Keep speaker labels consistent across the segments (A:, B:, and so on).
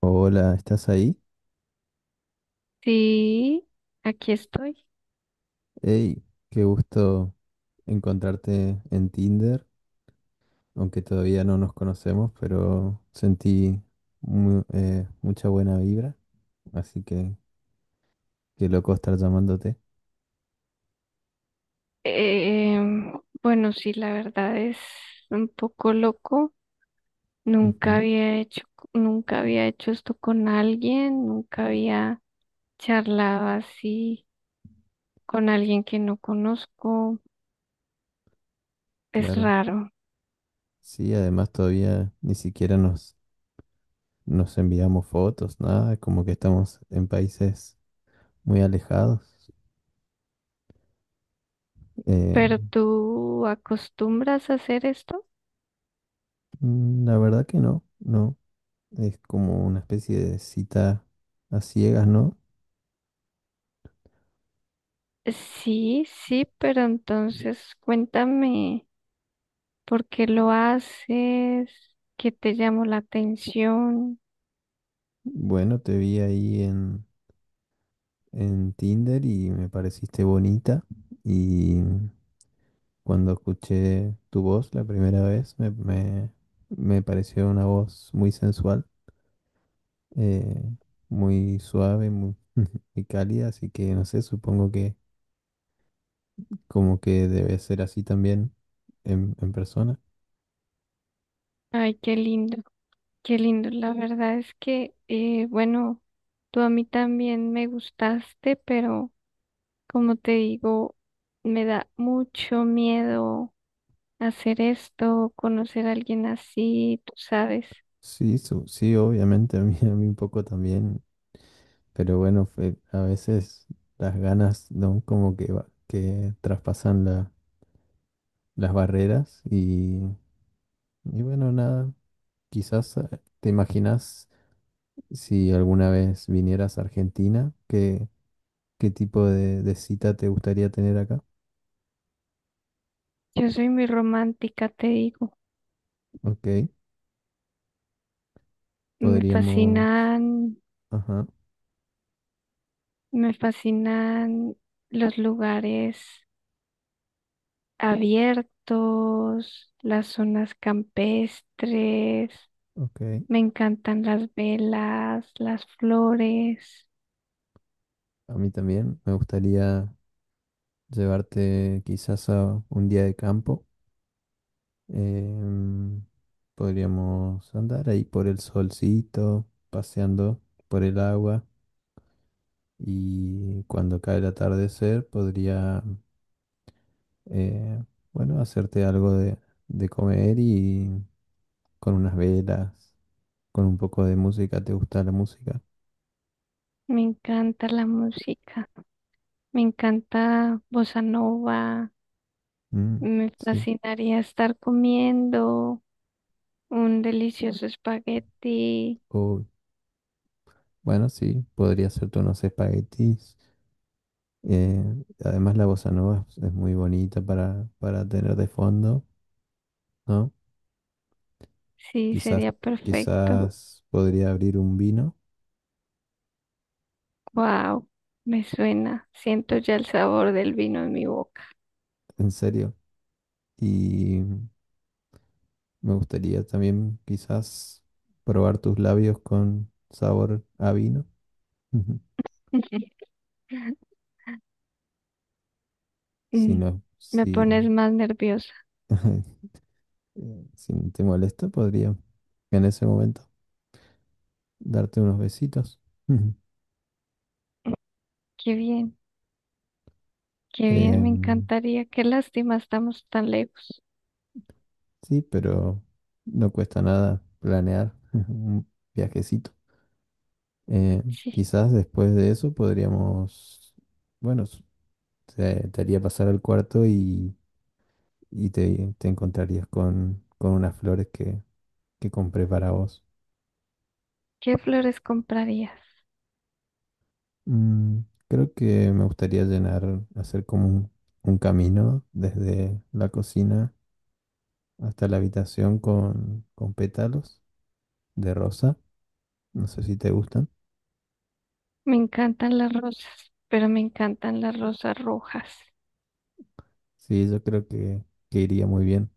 A: Hola, ¿estás ahí?
B: Sí, aquí estoy.
A: Hey, qué gusto encontrarte en Tinder, aunque todavía no nos conocemos, pero sentí mucha buena vibra, así que qué loco estar llamándote.
B: Em, bueno, sí, la verdad es un poco loco. Nunca
A: Ujú,
B: había hecho, Nunca había hecho esto con alguien, nunca había charlado así con alguien que no conozco. Es
A: claro.
B: raro.
A: Sí, además todavía ni siquiera nos enviamos fotos, nada, como que estamos en países muy alejados. Eh,
B: ¿Pero tú acostumbras a hacer esto?
A: la verdad que no, no, es como una especie de cita a ciegas, ¿no?
B: Sí, sí, pero entonces cuéntame por qué lo haces, qué te llamó la atención.
A: Bueno, te vi en Tinder y me pareciste bonita. Y cuando escuché tu voz la primera vez, me pareció una voz muy sensual, eh, muy suave, muy, muy cálida. Así que no sé, supongo que como que debe ser así también en persona.
B: Ay, qué lindo. Qué lindo, la verdad es que, bueno, tú a mí también me gustaste, pero como te digo, me da mucho miedo hacer esto, conocer a alguien así, tú sabes.
A: Sí, sí, obviamente, a mí un poco también. Pero bueno, a veces las ganas, ¿no? Como que, que traspasan la las barreras y bueno, nada, quizás te imaginas si alguna vez vinieras a Argentina, qué tipo de cita te gustaría tener acá.
B: Yo soy muy romántica, te digo.
A: Ok,
B: Me
A: podríamos,
B: fascinan,
A: ajá,
B: Me fascinan los lugares abiertos, las zonas campestres.
A: ok,
B: Me encantan las velas, las flores,
A: a mí también me gustaría llevarte quizás a un día de campo. em, Podríamos andar ahí por el solcito, paseando por el agua. Y cuando cae el atardecer podría eh, bueno, hacerte algo de comer y con unas velas, con un poco de música. ¿Te gusta la música?
B: me encanta la música, me encanta bossa nova,
A: Mm,
B: me
A: sí.
B: fascinaría estar comiendo un delicioso espagueti.
A: O, bueno, sí, podría hacerte unos espaguetis. Eh, Además, la bossa nova es muy bonita para tener de fondo, ¿no?
B: Sí,
A: Quizás,
B: sería perfecto.
A: Quizás podría abrir un vino,
B: Wow, me suena. Siento ya el sabor del vino en mi boca.
A: en serio. Y me gustaría también quizás probar tus labios con sabor a vino. Si
B: Mm,
A: no,
B: me
A: si,
B: pones más nerviosa.
A: si no te molesta, podría en ese momento darte unos besitos. Ujú.
B: Qué bien, qué bien, me
A: Em,
B: encantaría. Qué lástima, estamos tan lejos.
A: sí, pero no cuesta nada planear un viajecito. Eh,
B: Sí.
A: Quizás después de eso podríamos, bueno, te, te haría pasar al cuarto y, te encontrarías con unas flores que compré para vos.
B: ¿Qué flores comprarías?
A: Mm, creo que me gustaría llenar, hacer como un camino desde la cocina hasta la habitación con pétalos de rosa. No sé si te gustan.
B: Me encantan las rosas, pero me encantan las rosas rojas.
A: Sí, yo creo que iría muy bien.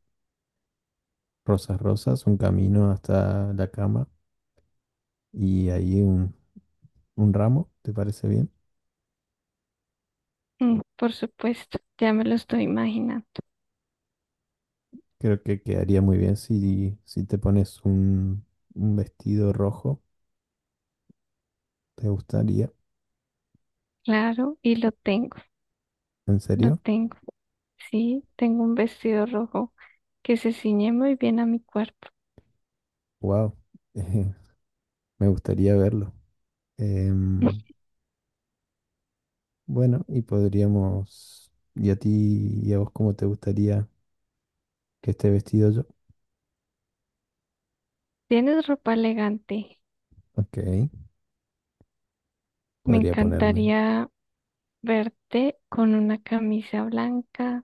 A: Rosas, rosas, un camino hasta la cama y ahí un ramo, ¿te parece bien?
B: Mm, por supuesto, ya me lo estoy imaginando.
A: Creo que quedaría muy bien si, si te pones un vestido rojo. ¿Te gustaría?
B: Claro, y
A: ¿En
B: lo
A: serio?
B: tengo. Sí, tengo un vestido rojo que se ciñe muy bien a mi cuerpo.
A: Wow, me gustaría verlo. Em, Bueno, y podríamos... ¿Y a ti y a vos cómo te gustaría que esté vestido yo?
B: Tienes ropa elegante.
A: Ok,
B: Me
A: podría ponerme.
B: encantaría verte con una camisa blanca,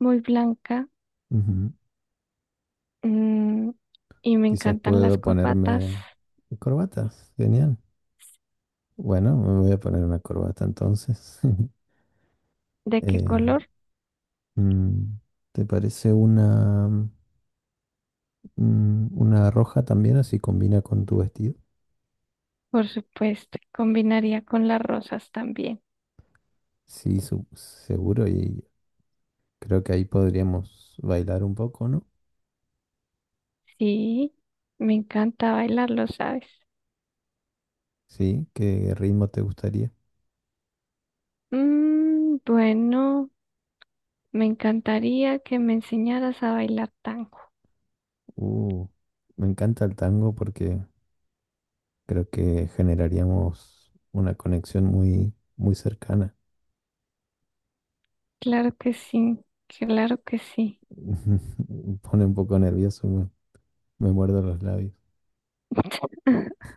B: muy blanca.
A: Ujú.
B: Mm, y me
A: Quizás
B: encantan las
A: puedo
B: corbatas.
A: ponerme corbata. Genial. Bueno, me voy a poner una corbata entonces.
B: ¿De qué
A: Eh,
B: color?
A: mm, ¿Te parece una, mm, una roja también? Así combina con tu vestido.
B: Por supuesto, combinaría con las rosas también.
A: Sí, seguro. Y creo que ahí podríamos bailar un poco, ¿no?
B: Sí, me encanta bailar, lo sabes.
A: Sí, ¿qué ritmo te gustaría?
B: Mm, bueno, me encantaría que me enseñaras a bailar tango.
A: Uh, Me encanta el tango porque creo que generaríamos una conexión muy, muy cercana.
B: Claro que sí, claro que sí.
A: Me pone un poco nervioso, me muerdo los labios.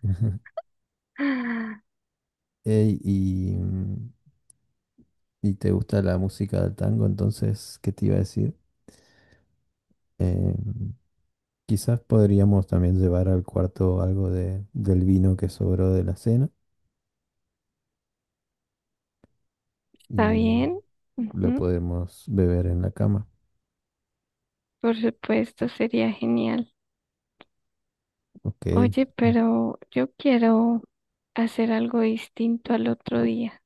A: Ey, y, mm, y te gusta la música del tango, entonces, ¿qué te iba a decir? Eh, Quizás podríamos también llevar al cuarto algo de, del vino que sobró de la cena
B: ¿Está
A: y
B: bien?
A: lo
B: Ujú.
A: podemos beber en la cama.
B: Por supuesto, sería genial.
A: Ok,
B: Oye, pero yo quiero hacer algo distinto al otro día.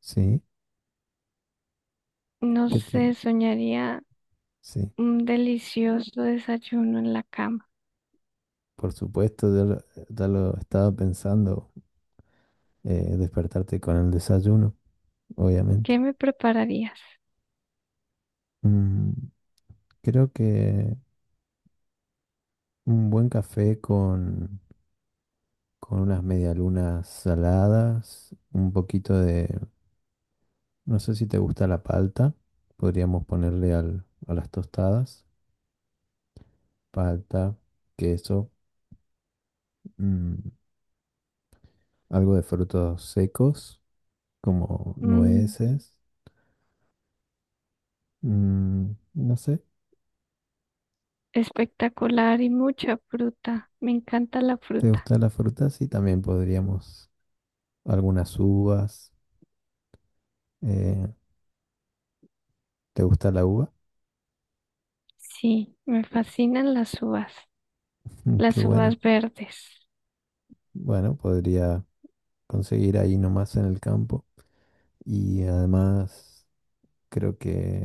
A: sí,
B: No
A: ¿qué te...?
B: sé, soñaría
A: Sí.
B: un delicioso desayuno en la cama.
A: Por supuesto, ya lo estaba pensando, despertarte con el desayuno, obviamente.
B: ¿Qué me prepararías?
A: Mm, creo que un buen café con unas medialunas saladas, un poquito de, no sé si te gusta la palta, podríamos ponerle a las tostadas, palta, queso, mm, algo de frutos secos, como
B: Mm,
A: nueces, mm, no sé.
B: espectacular y mucha fruta. Me encanta la
A: ¿Te
B: fruta.
A: gusta la fruta? Sí, también podríamos algunas uvas. eh, ¿Te gusta la uva?
B: Sí, me fascinan
A: Mm, qué
B: las
A: bueno.
B: uvas verdes.
A: Bueno, podría conseguir ahí nomás en el campo. Y además creo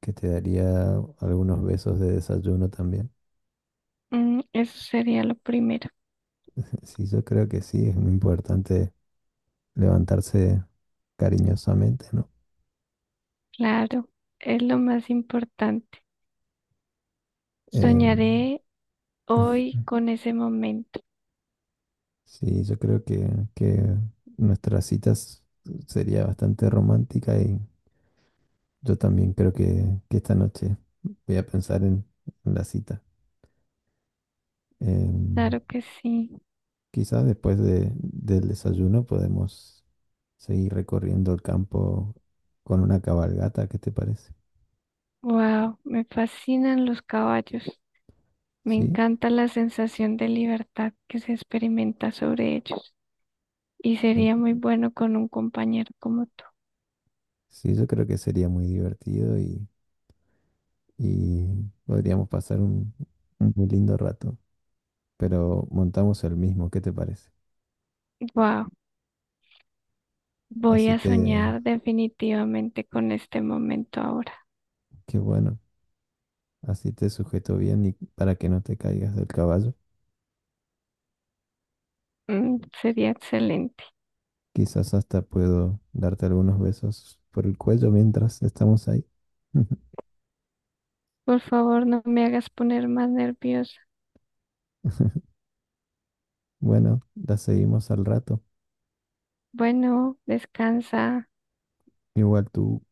A: que te daría algunos besos de desayuno también.
B: Mm, eso sería lo primero.
A: Sí, yo creo que sí, es muy importante levantarse cariñosamente, ¿no?
B: Claro, es lo más importante.
A: Em,
B: Soñaré hoy con ese momento.
A: sí, yo creo que nuestras citas sería bastante romántica y yo también creo que esta noche voy a pensar en la cita. Em,
B: Claro que sí.
A: Quizá del desayuno podemos seguir recorriendo el campo con una cabalgata, ¿qué te parece?
B: Wow, me fascinan los caballos. Me
A: Sí,
B: encanta la sensación de libertad que se experimenta sobre ellos. Y
A: me-
B: sería muy bueno con un compañero como tú.
A: sí, yo creo que sería muy divertido y podríamos pasar un muy lindo rato, pero montamos el mismo, ¿qué te parece?
B: Wow, voy
A: Así
B: a
A: te,
B: soñar definitivamente con este momento ahora.
A: Qué bueno, así te sujeto bien y para que no te caigas del caballo.
B: Mm, sería excelente.
A: Quizás hasta puedo darte algunos besos por el cuello mientras estamos ahí.
B: Por favor, no me hagas poner más nerviosa.
A: Bueno, la seguimos al rato.
B: Bueno, descansa.
A: Igual tú.